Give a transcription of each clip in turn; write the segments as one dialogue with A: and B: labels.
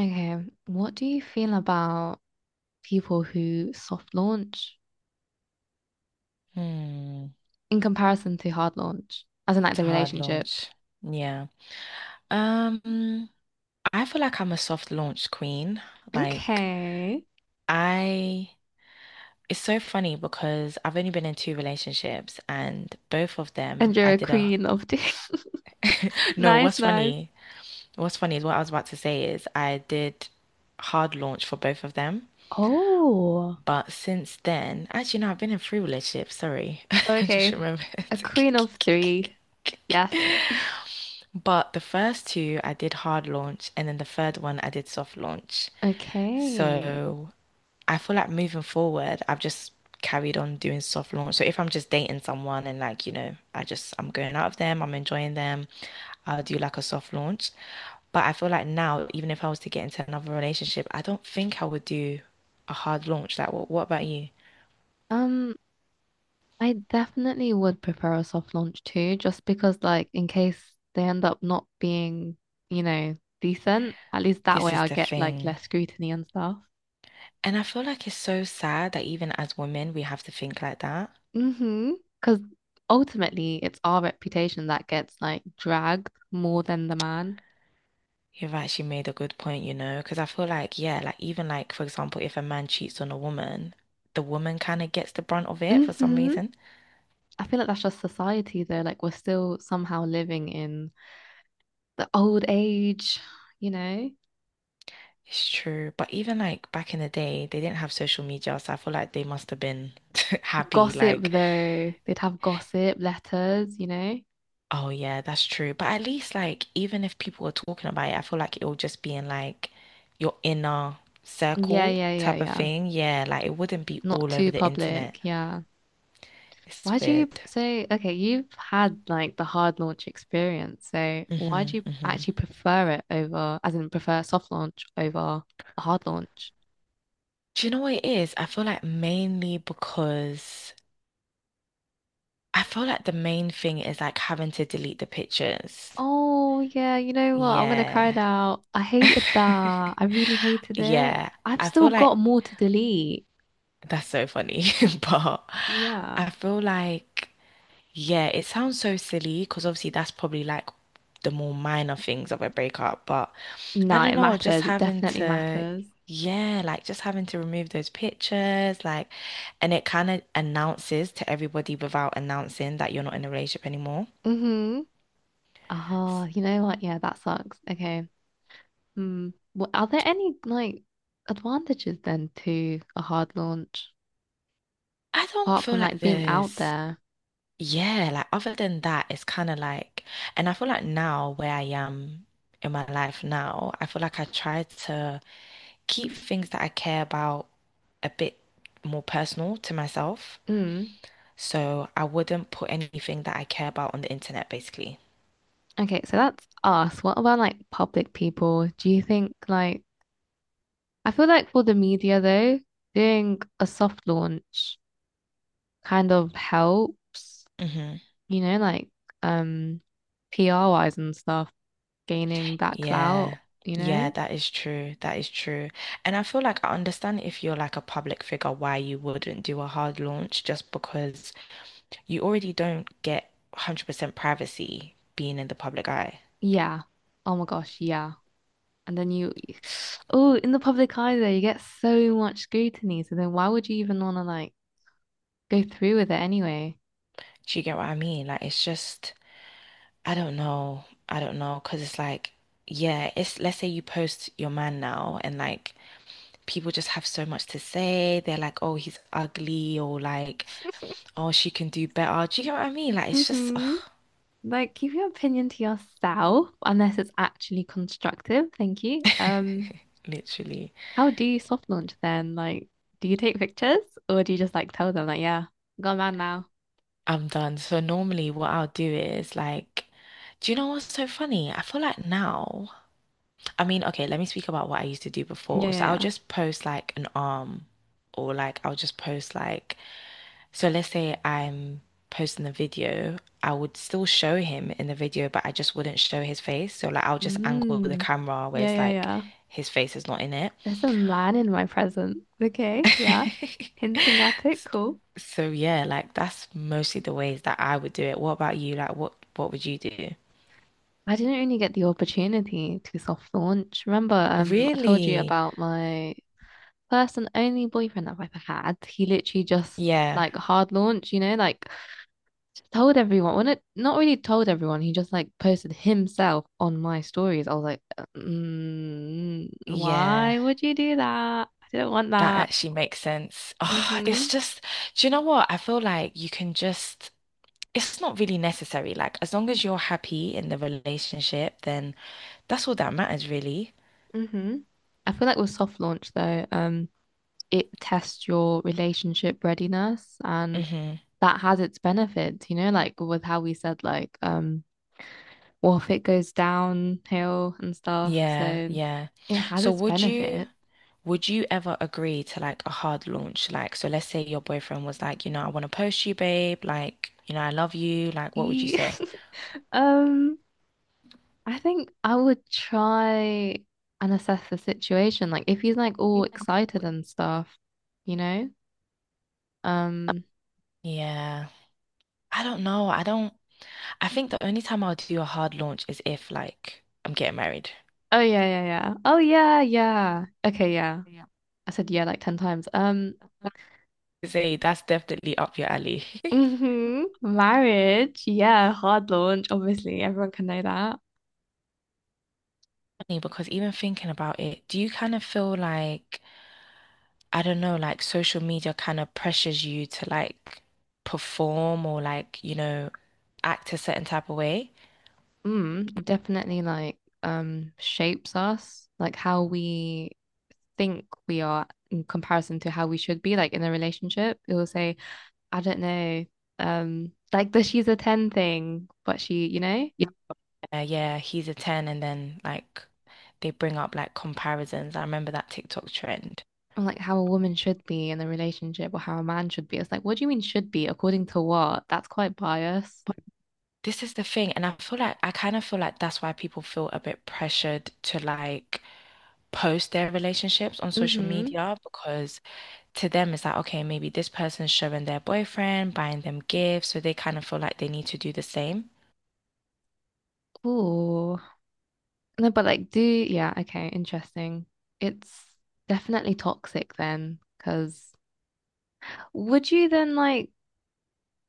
A: Okay, what do you feel about people who soft launch
B: Hmm.
A: in comparison to hard launch, as in like
B: It's a
A: the
B: hard
A: relationship?
B: launch. Yeah. Um, I feel like I'm a soft launch queen. Like
A: Okay.
B: I it's so funny because I've only been in two relationships and both of them
A: And you're
B: I
A: a
B: did a
A: queen of two.
B: no,
A: Nice,
B: what's
A: nice.
B: funny? What's funny is what I was about to say is I did hard launch for both of them.
A: Oh,
B: But since then, actually no, I've been in three relationships, sorry. I just
A: okay.
B: remembered.
A: A queen of three. Yes.
B: But the first two I did hard launch, and then the third one I did soft launch.
A: Okay.
B: So I feel like moving forward, I've just carried on doing soft launch. So if I'm just dating someone and like, I'm going out of them, I'm enjoying them, I'll do like a soft launch. But I feel like now, even if I was to get into another relationship, I don't think I would do a hard launch. Like, what about you?
A: Um, I definitely would prefer a soft launch too, just because like in case they end up not being, you know, decent, at least that way
B: This is
A: I'll
B: the
A: get like
B: thing.
A: less scrutiny and stuff.
B: And I feel like it's so sad that even as women, we have to think like that.
A: Mm-hmm. Because ultimately, it's our reputation that gets like dragged more than the man.
B: You've actually made a good point, you know, because I feel like, yeah, like even like, for example, if a man cheats on a woman, the woman kind of gets the brunt of it for some
A: Mm-hmm.
B: reason.
A: I feel like that's just society, though. Like, we're still somehow living in the old age, you know?
B: It's true. But even like back in the day, they didn't have social media, so I feel like they must have been happy,
A: Gossip,
B: like,
A: though. They'd have gossip letters, you know?
B: oh yeah, that's true. But at least like even if people were talking about it, I feel like it will just be in like your inner
A: Yeah,
B: circle
A: yeah, yeah,
B: type of
A: yeah.
B: thing. Yeah, like it wouldn't be
A: Not
B: all
A: too
B: over the internet.
A: public. Yeah.
B: It's
A: Why do you
B: weird.
A: so okay, you've had like the hard launch experience, so why
B: hmm
A: do you
B: hmm
A: actually prefer it, over, as in prefer soft launch over a hard launch?
B: Do you know what it is? I feel like mainly because I feel like the main thing is like having to delete the pictures.
A: Oh yeah, you know what? I'm gonna cry
B: Yeah.
A: now. I hated that. I really hated it.
B: Yeah.
A: I've
B: I
A: still
B: feel like
A: got more to delete.
B: that's so funny, but
A: Yeah.
B: I feel like, yeah, it sounds so silly because obviously that's probably like the more minor things of a breakup, but I
A: No,
B: don't
A: it
B: know, just
A: matters. It definitely matters.
B: yeah, like just having to remove those pictures, like, and it kind of announces to everybody without announcing that you're not in a relationship anymore.
A: Mm-hmm. Oh, you know what? Yeah, that sucks. Okay. Hmm. What, are there any like advantages then to a hard launch?
B: I don't
A: Apart
B: feel
A: from like
B: like
A: being out
B: there's,
A: there.
B: yeah, like other than that, it's kind of like, and I feel like now where I am in my life now, I feel like I try to keep things that I care about a bit more personal to myself.
A: Mm.
B: So I wouldn't put anything that I care about on the internet, basically.
A: Okay, so that's us. What about like public people? Do you think like I feel like for the media though, doing a soft launch kind of helps,
B: hmm
A: like um PR wise and stuff, gaining that
B: Yeah.
A: clout, you
B: Yeah,
A: know?
B: that is true. That is true. And I feel like I understand if you're like a public figure why you wouldn't do a hard launch just because you already don't get 100% privacy being in the public eye.
A: Yeah. Oh my gosh, yeah. And then you, oh, in the public eye though, you get so much scrutiny. So then why would you even want to like go through with it anyway?
B: Do you get what I mean? Like it's just I don't know. I don't know, cause it's like yeah, it's let's say you post your man now and like people just have so much to say. They're like, "Oh, he's ugly," or like, "Oh, she can do better." Do you get what I mean? Like it's just
A: Mm-hmm. Like, keep your opinion to yourself unless it's actually constructive. Thank you.
B: literally
A: How do you soft launch then? Like, do you take pictures or do you just like tell them like, yeah, got a man now?
B: I'm done. So normally what I'll do is like, do you know what's so funny? I feel like now, I mean, okay, let me speak about what I used to do
A: Yeah,
B: before. So
A: yeah,
B: I'll
A: yeah.
B: just post like an arm or like I'll just post like, so let's say I'm posting a video, I would still show him in the video, but I just wouldn't show his face. So like I'll just angle the
A: Mm.
B: camera where
A: Yeah,
B: it's
A: yeah,
B: like
A: yeah.
B: his face is not in it.
A: There's a man in my present. Okay, yeah. Hinting at it, cool.
B: So yeah, like that's mostly the ways that I would do it. What about you? Like what would you do?
A: I didn't really get the opportunity to soft launch. Remember, I told you
B: Really?
A: about my first and only boyfriend I've ever had. He literally just
B: Yeah.
A: like hard launch, you know, like told everyone. Well, not really told everyone. He just like posted himself on my stories. I was like, mm,
B: Yeah.
A: why would you do that? I didn't want
B: That
A: that.
B: actually makes sense. Oh, it's
A: Hmm.
B: just, do you know what? I feel like you can just, it's not really necessary. Like, as long as you're happy in the relationship, then that's all that matters, really.
A: Hmm. I feel like with soft launch though, it tests your relationship readiness and
B: Mm-hmm.
A: that has its benefits, you know, like with how we said like, well, if it goes downhill and stuff,
B: Yeah,
A: so
B: yeah.
A: it has
B: So
A: its
B: would you
A: benefit.
B: would you ever agree to like a hard launch? Like, so let's say your boyfriend was like, you know, I want to post you, babe. Like, you know, I love you. Like, what would you say?
A: Um, I think I would try and assess the situation. Like if he's like all excited and stuff, you know? Um,
B: Yeah. I don't know. I don't. I think the only time I'll do a hard launch is if like I'm getting married.
A: oh yeah, yeah, yeah. Oh yeah, yeah. Okay, yeah.
B: Yeah.
A: I said yeah like 10 times.
B: Say that's definitely up your alley. Funny,
A: Hmm Marriage. Yeah, hard launch, obviously. Everyone can know that.
B: because even thinking about it, do you kind of feel like, I don't know, like social media kind of pressures you to like perform or like, you know, act a certain type of way?
A: Mm, definitely like shapes us, like how we think we are in comparison to how we should be like in a relationship. It will say I don't know, like the she's a 10 thing, but she, you know,
B: Yeah. Yeah, he's a 10 and then like they bring up like comparisons. I remember that TikTok trend.
A: or like how a woman should be in a relationship or how a man should be. It's like, what do you mean should be? According to what? That's quite biased.
B: This is the thing, and I feel like I kind of feel like that's why people feel a bit pressured to like post their relationships on social
A: Mm-hmm.
B: media because to them it's like, okay, maybe this person's showing their boyfriend, buying them gifts, so they kind of feel like they need to do the same.
A: Ooh. No, but like, do, yeah, okay, interesting. It's definitely toxic then, because would you then like,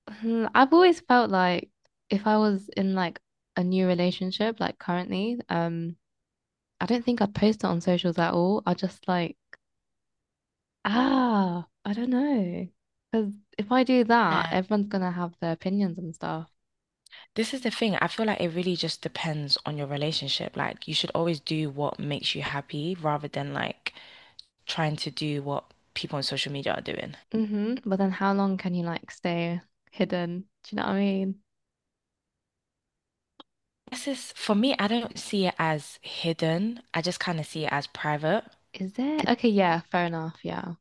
A: hmm, I've always felt like if I was in like a new relationship, like currently, I don't think I'd post it on socials at all. I just like, ah, I don't know. Because if I do that,
B: Yeah,
A: everyone's gonna have their opinions and stuff.
B: this is the thing. I feel like it really just depends on your relationship. Like, you should always do what makes you happy rather than like trying to do what people on social media are doing.
A: Hmm. But then how long can you like stay hidden? Do you know what I mean?
B: This is, for me, I don't see it as hidden. I just kind of see it as private.
A: Is there? Okay, yeah, fair enough. Yeah.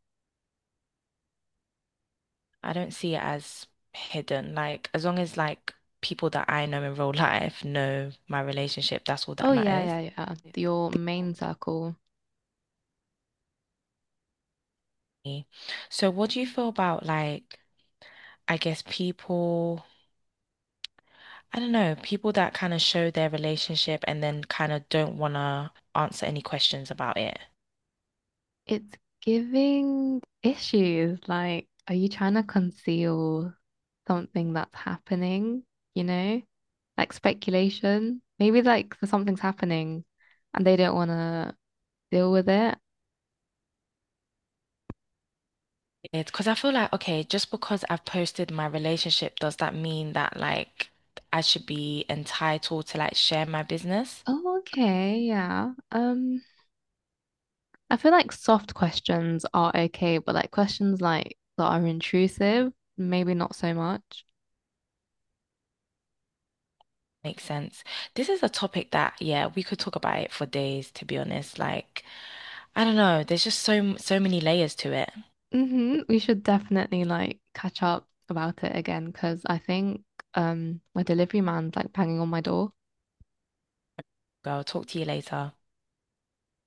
B: I don't see it as hidden. Like as long as like people that I know in real life know my relationship, that's all that
A: Oh, yeah,
B: matters.
A: yeah, yeah. Your main circle.
B: Me. So what do you feel about like I guess people, I don't know, people that kind of show their relationship and then kind of don't want to answer any questions about it.
A: It's giving issues. Like, are you trying to conceal something that's happening? You know, like speculation. Maybe like something's happening and they don't want to deal with it.
B: It's because I feel like, okay, just because I've posted my relationship, does that mean that like I should be entitled to like share my business?
A: Oh, okay, yeah. I feel like soft questions are okay, but like questions like that are intrusive, maybe not so much.
B: Makes sense. This is a topic that, yeah, we could talk about it for days, to be honest. Like, I don't know, there's just so many layers to it.
A: Mm-hmm. We should definitely like catch up about it again because I think my delivery man's like banging on my door.
B: Girl, talk to you later.